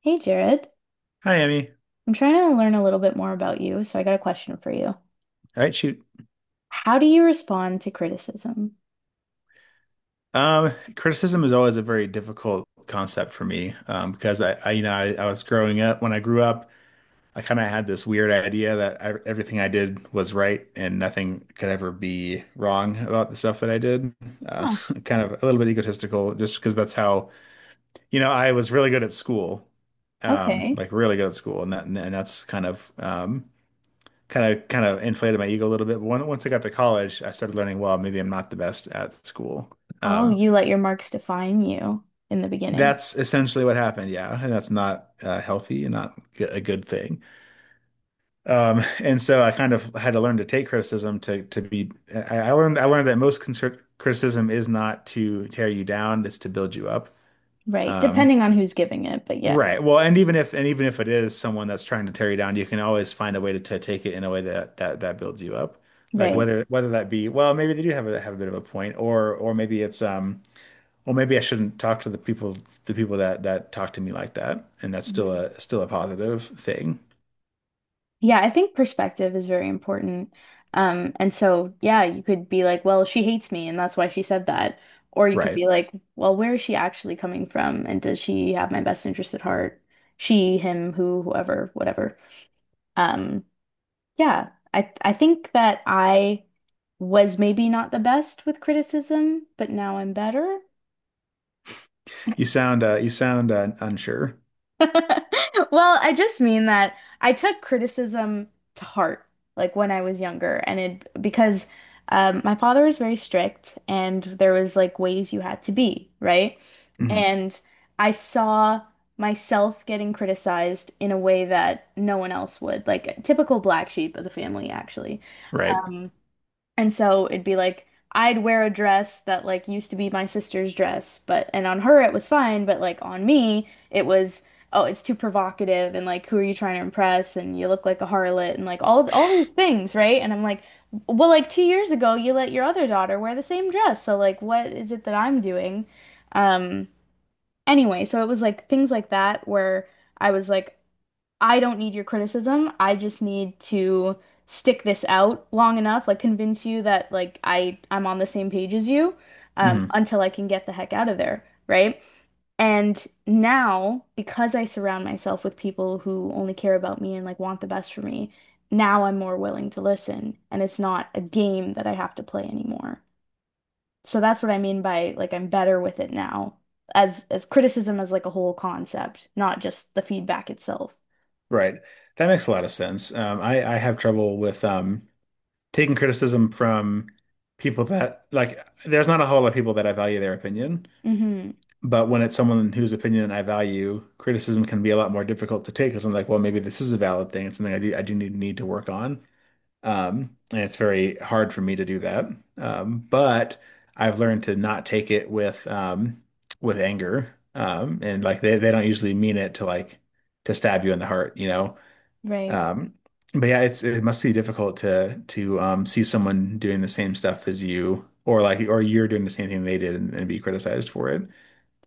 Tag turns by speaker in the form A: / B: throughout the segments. A: Hey Jared,
B: Hi, Emmy.
A: I'm trying to learn a little bit more about you, so I got a question for you.
B: All right, shoot.
A: How do you respond to criticism?
B: Criticism is always a very difficult concept for me because you know, I was growing up. I kind of had this weird idea that everything I did was right and nothing could ever be wrong about the stuff that I did. Uh,
A: Huh,
B: Kind of a little bit egotistical, just because that's how I was really good at school,
A: okay.
B: like really good at school, and and that's kind of inflated my ego a little bit. Once I got to college, I started learning, well, maybe I'm not the best at school.
A: Oh,
B: Um,
A: you let your marks define you in the beginning,
B: that's essentially what happened, yeah, and that's not healthy and not a good thing. And so I kind of had to learn to take criticism to be. I learned that most concert criticism is not to tear you down; it's to build you up.
A: right?
B: Um,
A: Depending on who's giving it, but yes,
B: Right. Well, and even if it is someone that's trying to tear you down, you can always find a way to take it in a way that builds you up. Like
A: right.
B: whether that be, well, maybe they do have a bit of a point, or maybe it's well, maybe I shouldn't talk to the people that talk to me like that, and that's
A: Mhm.
B: still a positive thing.
A: Yeah, I think perspective is very important. And so yeah, you could be like, well, she hates me and that's why she said that. Or you could
B: Right.
A: be like, well, where is she actually coming from? And does she have my best interest at heart? She, him, who, whoever, whatever. Um, Yeah, I think that I was maybe not the best with criticism, but now I'm better.
B: You sound unsure.
A: Well, I just mean that I took criticism to heart, like when I was younger, and it because my father was very strict, and there was like ways you had to be, right?
B: Mhm.
A: And I saw myself getting criticized in a way that no one else would, like a typical black sheep of the family, actually.
B: Right.
A: Um, And so it'd be like I'd wear a dress that like used to be my sister's dress, but and on her it was fine, but like on me it was oh, it's too provocative and like who are you trying to impress and you look like a harlot and like all these things, right? And I'm like, well, like 2 years ago you let your other daughter wear the same dress, so like what is it that I'm doing? Um, anyway, so it was like things like that where I was like I don't need your criticism. I just need to stick this out long enough, like convince you that like I'm on the same page as you,
B: Hmm.
A: until I can get the heck out of there, right? And now, because I surround myself with people who only care about me and like want the best for me, now I'm more willing to listen, and it's not a game that I have to play anymore. So that's what I mean by like I'm better with it now, as criticism as like a whole concept, not just the feedback itself.
B: Right. That makes a lot of sense. Um, I have trouble with taking criticism from people that there's not a whole lot of people that I value their opinion,
A: Hmm.
B: but when it's someone whose opinion I value, criticism can be a lot more difficult to take because I'm like, well, maybe this is a valid thing. It's something I do need to work on. And it's very hard for me to do that. But I've learned to not take it with anger. And like they don't usually mean it to to stab you in the heart, you know.
A: Right.
B: Um, but yeah, it must be difficult to see someone doing the same stuff as you, or you're doing the same thing they did and be criticized for it.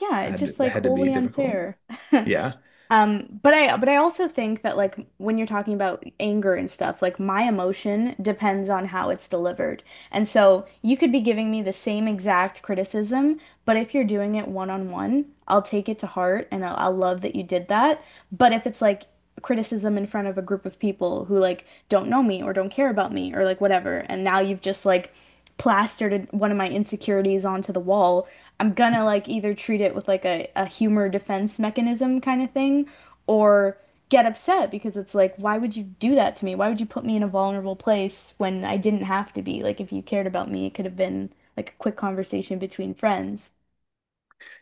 A: Yeah, it's just
B: That
A: like
B: had to be
A: wholly
B: difficult.
A: unfair.
B: Yeah,
A: But I but I also think that like when you're talking about anger and stuff, like my emotion depends on how it's delivered. And so you could be giving me the same exact criticism, but if you're doing it one on one, I'll take it to heart and I'll love that you did that. But if it's like criticism in front of a group of people who like don't know me or don't care about me or like whatever and now you've just like plastered one of my insecurities onto the wall, I'm gonna like either treat it with like a humor defense mechanism kind of thing or get upset because it's like why would you do that to me? Why would you put me in a vulnerable place when I didn't have to be? Like if you cared about me it could have been like a quick conversation between friends.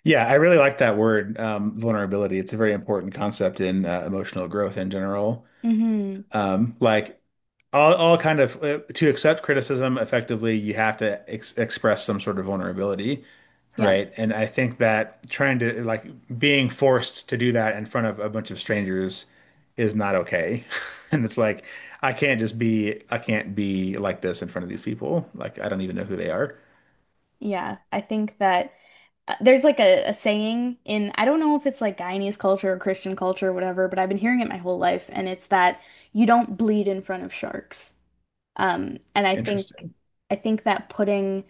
B: yeah, I really like that word, vulnerability. It's a very important concept in emotional growth in general.
A: Mm-hmm.
B: Like all kind of to accept criticism effectively, you have to ex express some sort of vulnerability,
A: Yeah.
B: right? And I think that trying to being forced to do that in front of a bunch of strangers is not okay. And it's like I can't be like this in front of these people. Like I don't even know who they are.
A: Yeah, I think that there's like a saying in, I don't know if it's like Guyanese culture or Christian culture or whatever, but I've been hearing it my whole life, and it's that you don't bleed in front of sharks. And I think
B: Interesting.
A: I think that putting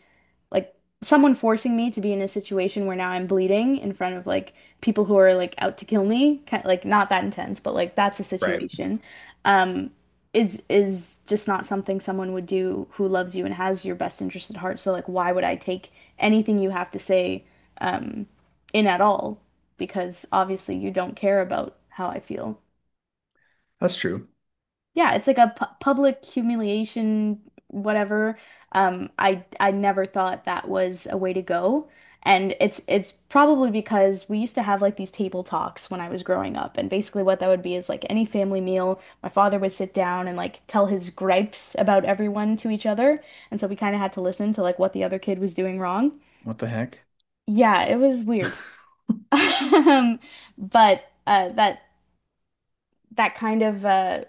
A: like someone forcing me to be in a situation where now I'm bleeding in front of like people who are like out to kill me, kind like not that intense, but like that's the
B: Right.
A: situation. Um, is just not something someone would do who loves you and has your best interest at heart. So like, why would I take anything you have to say, um, in at all? Because obviously you don't care about how I feel.
B: That's true.
A: Yeah, it's like a pu public humiliation, whatever. I never thought that was a way to go. And it's probably because we used to have like these table talks when I was growing up. And basically what that would be is like any family meal, my father would sit down and like tell his gripes about everyone to each other. And so we kind of had to listen to like what the other kid was doing wrong.
B: What the heck?
A: Yeah, it was weird. Um, but that that kind of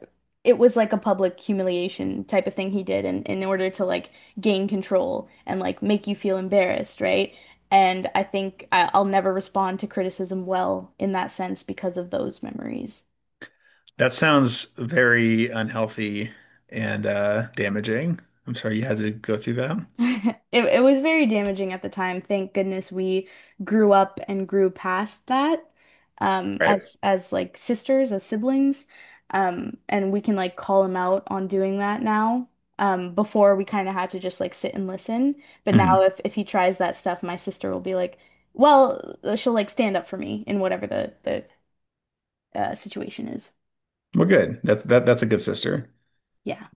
A: it was like a public humiliation type of thing he did in order to like gain control and like make you feel embarrassed, right? And I'll never respond to criticism well in that sense because of those memories.
B: That sounds very unhealthy and damaging. I'm sorry you had to go through that.
A: It was very damaging at the time. Thank goodness we grew up and grew past that,
B: Right.
A: as like sisters, as siblings. And we can like call him out on doing that now. Before we kind of had to just like sit and listen. But now
B: Mhm.
A: if he tries that stuff, my sister will be like, "Well, she'll like stand up for me in whatever the situation is."
B: Well, good. That that's a good sister.
A: Yeah.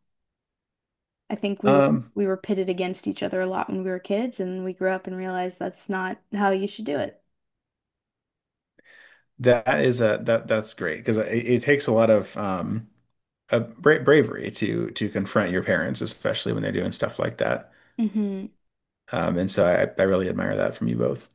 A: I think
B: Um,
A: we were pitted against each other a lot when we were kids and we grew up and realized that's not how you should do it.
B: that is a that that's great because it takes a lot of a bra bravery to confront your parents, especially when they're doing stuff like that.
A: Hmm.
B: And so I really admire that from you both.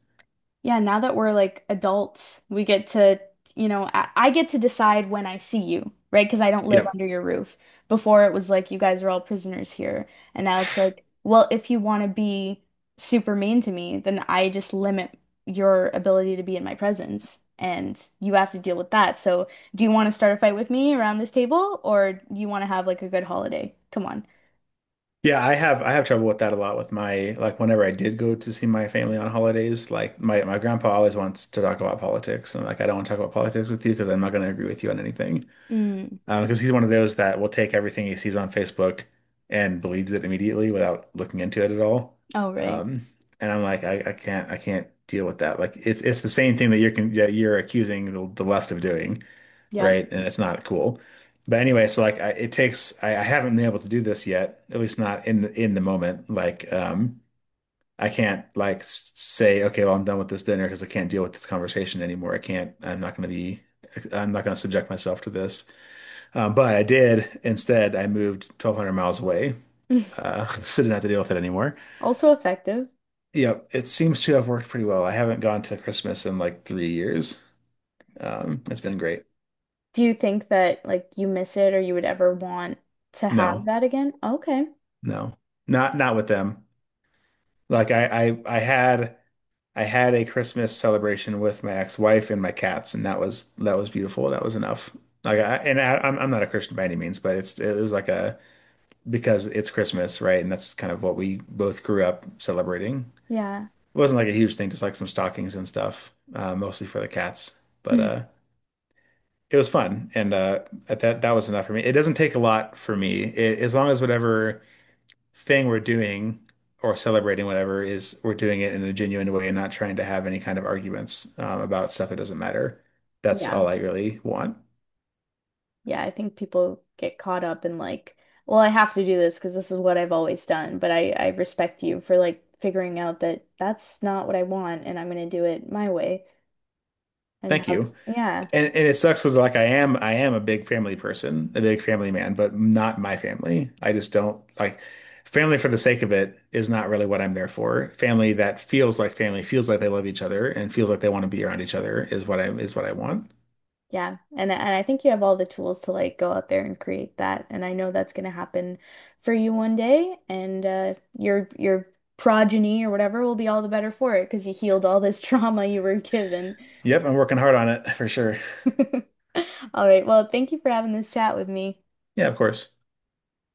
A: Yeah, now that we're like adults, we get to, you know, I get to decide when I see you, right? Because I don't live
B: Yep.
A: under your roof. Before it was like you guys are all prisoners here. And now it's like, well, if you want to be super mean to me, then I just limit your ability to be in my presence. And you have to deal with that. So, do you want to start a fight with me around this table, or you want to have like a good holiday? Come on.
B: Yeah, I have trouble with that a lot with my like whenever I did go to see my family on holidays, like my grandpa always wants to talk about politics, and I'm like I don't want to talk about politics with you because I'm not going to agree with you on anything.
A: Mm.
B: Because he's one of those that will take everything he sees on Facebook and believes it immediately without looking into it at all.
A: Oh, right.
B: Um, and I'm like, I can't deal with that. Like, it's the same thing that you're con that you're accusing the left of doing,
A: Yep.
B: right? And it's not cool. But anyway, so like, it takes. I haven't been able to do this yet, at least not in in the moment. Like, I can't like say, okay, well, I'm done with this dinner because I can't deal with this conversation anymore. I can't. I'm not going to be. I'm not going to subject myself to this. But I did instead. I moved 1,200 miles away, so didn't have to deal with it anymore.
A: Also effective.
B: Yep, it seems to have worked pretty well. I haven't gone to Christmas in like 3 years. It's been great.
A: Do you think that like you miss it or you would ever want to have
B: No,
A: that again? Okay.
B: no, not not with them. Like I had a Christmas celebration with my ex-wife and my cats, and that was beautiful. That was enough. Like I'm not a Christian by any means, but it was like a because it's Christmas, right? And that's kind of what we both grew up celebrating.
A: Yeah.
B: It wasn't like a huge thing, just like some stockings and stuff, mostly for the cats. But it was fun, and that was enough for me. It doesn't take a lot for me, as long as whatever thing we're doing or celebrating whatever is we're doing it in a genuine way and not trying to have any kind of arguments about stuff that doesn't matter. That's
A: Yeah.
B: all I really want.
A: Yeah, I think people get caught up in like, well, I have to do this because this is what I've always done, but I respect you for like figuring out that that's not what I want and I'm going to do it my way and
B: Thank
A: have,
B: you
A: yeah.
B: and it sucks because like I am a big family person, a big family man, but not my family. I just don't like family for the sake of it is not really what I'm there for. Family that feels like family, feels like they love each other and feels like they want to be around each other is what I want.
A: Yeah, and I think you have all the tools to like go out there and create that, and I know that's going to happen for you one day, and your progeny or whatever will be all the better for it because you healed all this trauma you were given.
B: Yep, I'm working hard on it for sure.
A: All right, well, thank you for having this chat with me.
B: Yeah, of course.